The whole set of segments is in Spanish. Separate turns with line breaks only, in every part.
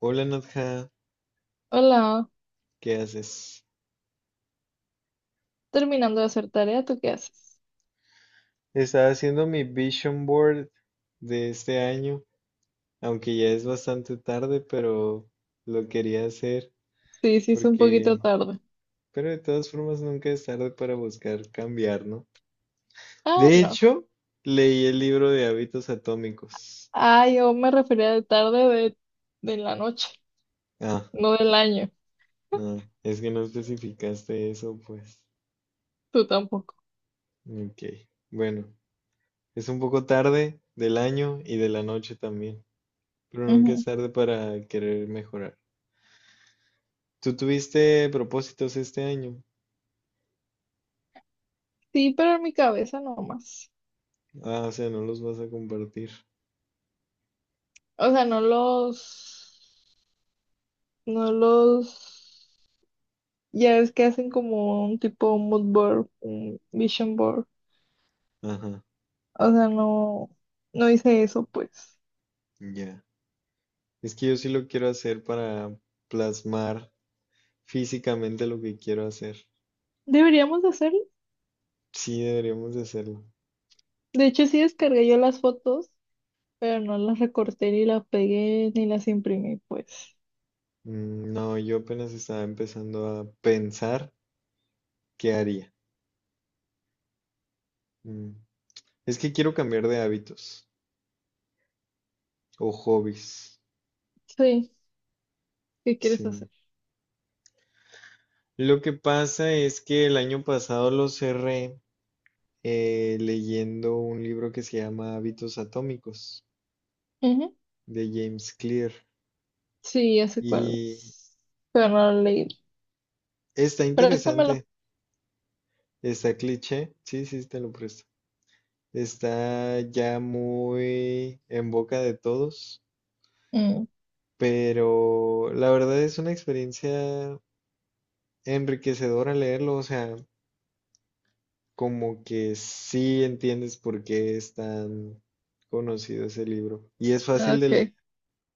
Hola Nadja,
Hola,
¿qué haces?
terminando de hacer tarea, ¿tú qué haces?
Estaba haciendo mi vision board de este año, aunque ya es bastante tarde, pero lo quería hacer
Sí, sí, es un
porque,
poquito tarde.
pero de todas formas nunca es tarde para buscar cambiar, ¿no?
Ah,
De
no.
hecho, leí el libro de hábitos atómicos.
Ah, yo me refería de tarde de la noche,
Ah,
no del año.
no, es que no especificaste eso, pues.
Tú tampoco.
Ok, bueno, es un poco tarde del año y de la noche también, pero nunca es
Ujú.
tarde para querer mejorar. Tú tuviste propósitos este año.
Sí, pero en mi cabeza no más.
Ah, o sea, no los vas a compartir.
O sea, no los, ya es que hacen como un tipo mood board, un vision board.
Ajá,
O sea, no hice eso, pues.
ya. Es que yo sí lo quiero hacer para plasmar físicamente lo que quiero hacer.
Deberíamos de hacerlo.
Sí, deberíamos de hacerlo.
De hecho, sí descargué yo las fotos pero no las recorté ni las pegué ni las imprimí, pues.
Mm, no, yo apenas estaba empezando a pensar qué haría. Mm. Es que quiero cambiar de hábitos o hobbies.
Sí, ¿qué quieres
Sí.
hacer?
Lo que pasa es que el año pasado lo cerré leyendo un libro que se llama Hábitos Atómicos
Ujú.
de James Clear.
Sí, ya sé cuál
Y
es, pero no lo leí.
está
Préstamelo.
interesante, está cliché, sí, sí, te lo presto. Está ya muy en boca de todos,
Mm,
pero la verdad es una experiencia enriquecedora leerlo, o sea, como que sí entiendes por qué es tan conocido ese libro. Y es fácil de
ok.
leer,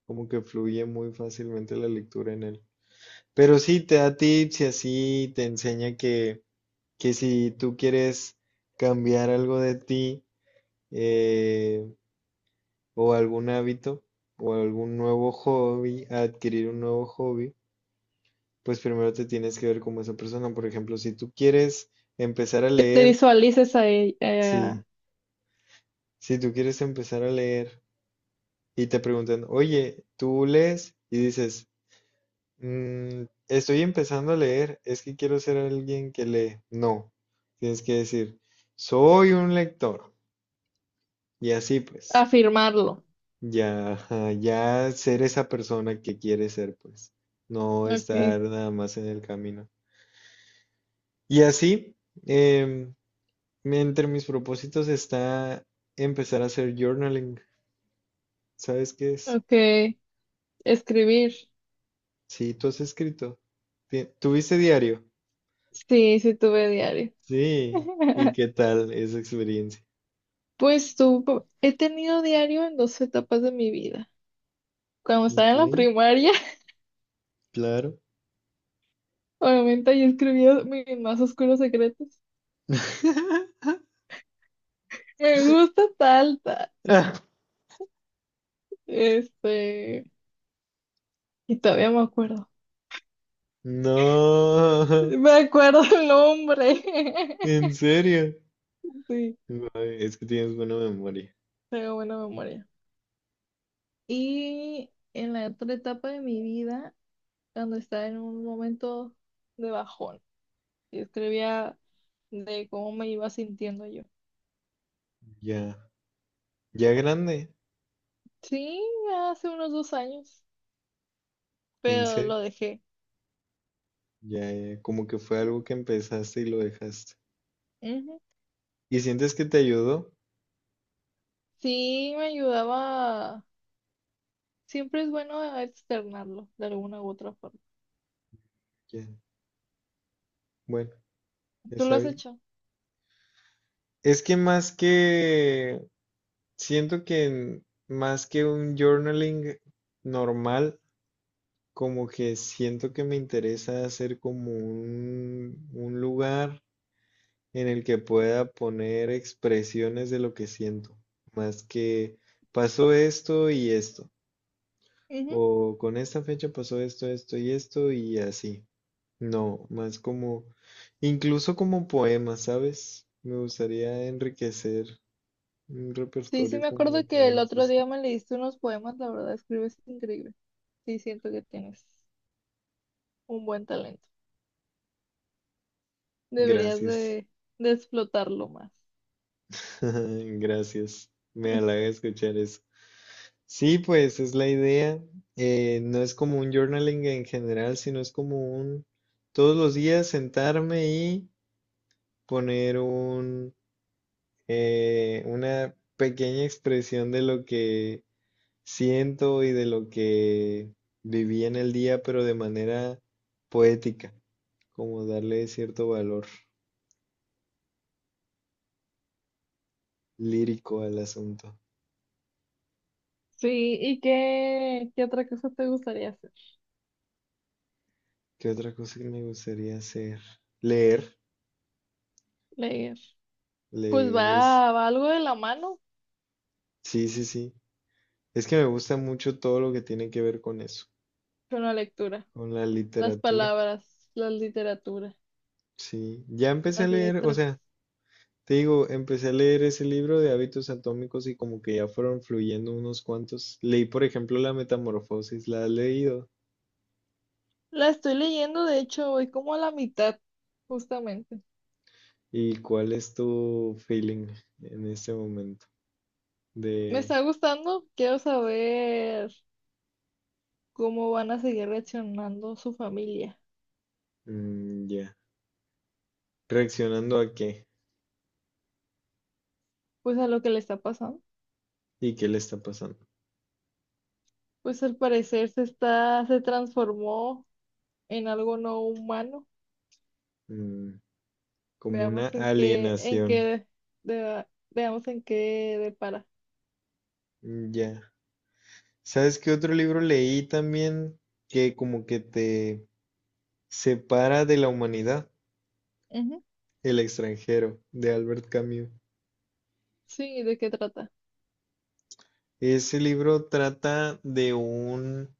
como que fluye muy fácilmente la lectura en él. Pero sí, te da tips y así te enseña que si tú quieres cambiar algo de ti eh, o algún hábito o algún nuevo hobby, adquirir un nuevo hobby, pues primero te tienes que ver como esa persona. Por ejemplo, si tú quieres empezar a
Que te
leer,
visualices a,
sí, si tú quieres empezar a leer y te preguntan, oye, ¿tú lees? Y dices, "Mm, estoy empezando a leer, es que quiero ser alguien que lee." No, tienes que decir, soy un lector. Y así
a
pues.
firmarlo.
Ya, ajá, ya ser esa persona que quiere ser, pues, no
Ok,
estar nada más en el camino. Y así, em, entre mis propósitos está empezar a hacer journaling. ¿Sabes qué es?
ok. Escribir.
Sí, tú has escrito. ¿Tuviste diario?
Sí, sí tuve diario.
Sí. ¿Y qué tal esa experiencia?
Pues tú, he tenido diario en dos etapas de mi vida. Cuando estaba
Ok,
en la primaria,
claro.
obviamente yo escribía mis más oscuros secretos. Me gusta tal, tal. Este, y todavía me acuerdo.
No,
Me acuerdo el nombre.
en serio.
Sí,
Ay, es que tienes buena memoria.
tengo buena memoria. Y en la otra etapa de mi vida, cuando estaba en un momento de bajón, y escribía de cómo me iba sintiendo yo.
Ya, ya grande.
Sí, hace unos 2 años,
En
pero
serio,
lo dejé.
ya, ya, como que fue algo que empezaste y lo dejaste.
Ujú.
¿Y sientes que te ayudó?
Sí, me ayudaba. Siempre es bueno externarlo de alguna u otra forma.
Ya, bueno,
¿Tú lo
está
has
bien.
hecho?
Es que más que, siento que más que un journaling normal, como que siento que me interesa hacer como un lugar en el que pueda poner expresiones de lo que siento, más que pasó esto y esto, o con esta fecha pasó esto, esto y esto y así. No, más como, incluso como poemas, ¿sabes? Me gustaría enriquecer un
Sí, sí,
repertorio
me
como de
acuerdo que el
poemas
otro día
escritos.
me leíste unos poemas, la verdad, escribes increíble. Sí, siento que tienes un buen talento. Deberías
Gracias,
de explotarlo más.
gracias. Me halaga escuchar eso. Sí, pues es la idea. No es como un journaling en general, sino es como un todos los días sentarme y poner un una pequeña expresión de lo que siento y de lo que viví en el día, pero de manera poética, como darle cierto valor lírico al asunto.
Sí, ¿y qué otra cosa te gustaría hacer?
¿Qué otra cosa que me gustaría hacer? Leer,
Leer. Pues va,
leer es,
va algo de la mano
sí, sí, sí. Es que me gusta mucho todo lo que tiene que ver con eso,
con la lectura,
con la
las
literatura.
palabras, la literatura,
Sí, ya empecé a
las
leer, o
letras.
sea, te digo, empecé a leer ese libro de hábitos atómicos y como que ya fueron fluyendo unos cuantos. Leí, por ejemplo, La Metamorfosis, ¿la has leído?
La estoy leyendo, de hecho, voy como a la mitad, justamente.
¿Y cuál es tu feeling en este momento?
Me
De,
está gustando, quiero saber, ¿cómo van a seguir reaccionando su familia?
mm, ya. ¿Reaccionando a qué?
Pues a lo que le está pasando.
¿Y qué le está pasando?
Pues al parecer se está, se transformó en algo no humano.
Mm, como una
Veamos en qué, en
alienación.
qué, de- veamos en qué depara.
Mm, ya. ¿Sabes qué otro libro leí también que como que te separa de la humanidad?
Ujú.
El extranjero, de Albert Camus.
Sí, ¿de qué trata?
Ese libro trata de un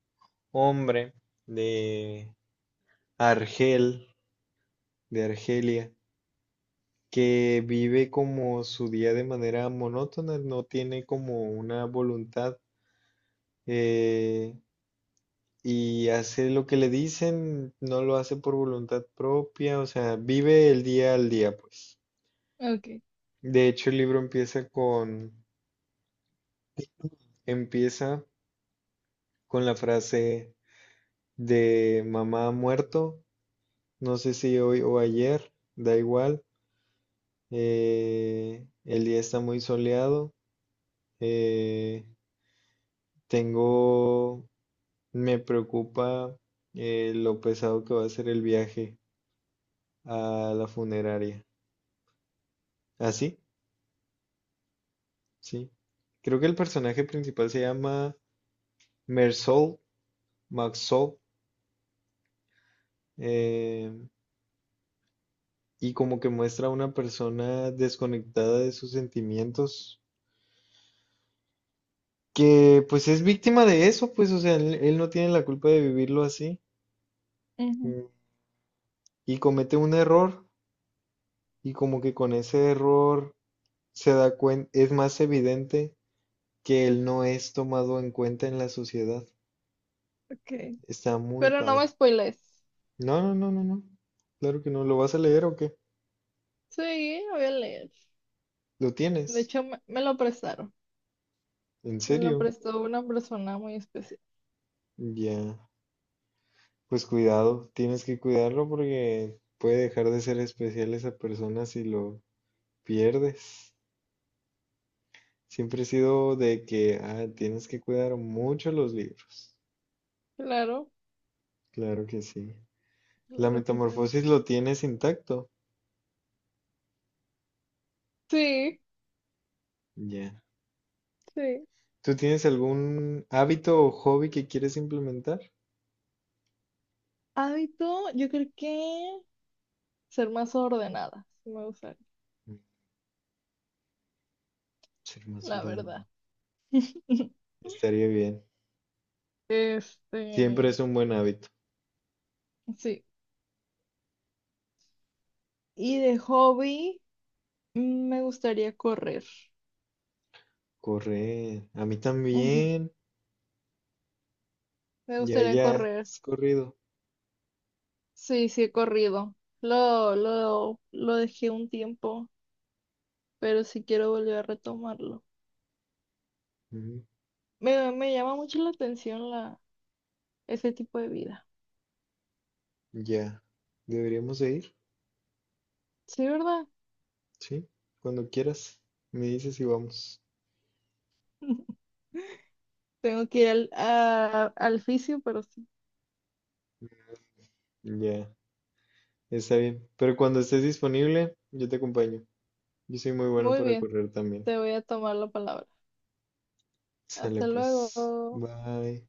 hombre de Argel, de Argelia, que vive como su día de manera monótona, no tiene como una voluntad eh, y hace lo que le dicen, no lo hace por voluntad propia, o sea, vive el día al día, pues.
Ok.
De hecho, el libro empieza con la frase de mamá ha muerto, no sé si hoy o ayer, da igual, el día está muy soleado, eh, tengo me preocupa lo pesado que va a ser el viaje a la funeraria. ¿Ah, sí? Sí. Creo que el personaje principal se llama Mersault, Maxault, eh, y como que muestra a una persona desconectada de sus sentimientos, que pues es víctima de eso, pues, o sea, él no tiene la culpa de vivirlo así,
Ujú.
mm, y comete un error, y como que con ese error se da cuenta, es más evidente que él no es tomado en cuenta en la sociedad.
Ok.
Está muy
Pero no me
padre.
spoiles.
No, no, no, no, no. Claro que no. ¿Lo vas a leer o qué?
Sí, lo voy a leer.
¿Lo
De
tienes?
hecho, me lo prestaron.
¿En
Me lo
serio?
prestó una persona muy especial.
Ya. Pues cuidado, tienes que cuidarlo porque puede dejar de ser especial esa persona si lo pierdes. Siempre he sido de que ah, tienes que cuidar mucho los libros.
Claro,
Claro que sí. La
claro que sí.
metamorfosis lo tienes intacto.
Sí,
Ya.
sí.
¿Tú tienes algún hábito o hobby que quieres implementar?
Hábito, yo creo que ser más ordenadas, me gustaría,
Ser más
la verdad.
ordenado. Estaría bien. Siempre
Este,
es un buen hábito.
sí. Y de hobby, me gustaría correr.
Correr. A mí
Ujú,
también.
me
Ya,
gustaría
ya.
correr.
Has corrido.
Sí, sí he corrido. Lo dejé un tiempo, pero sí quiero volver a retomarlo.
Ujú,
Me llama mucho la atención la, ese tipo de vida.
ya. Deberíamos de ir.
Sí, ¿verdad?
Sí. Cuando quieras. Me dices y vamos.
Tengo que ir al, al fisio, pero sí.
Ya. Está bien. Pero cuando estés disponible, yo te acompaño. Yo soy muy bueno
Muy
para
bien,
correr también.
te voy a tomar la palabra.
Sale
Hasta
pues.
luego.
Bye.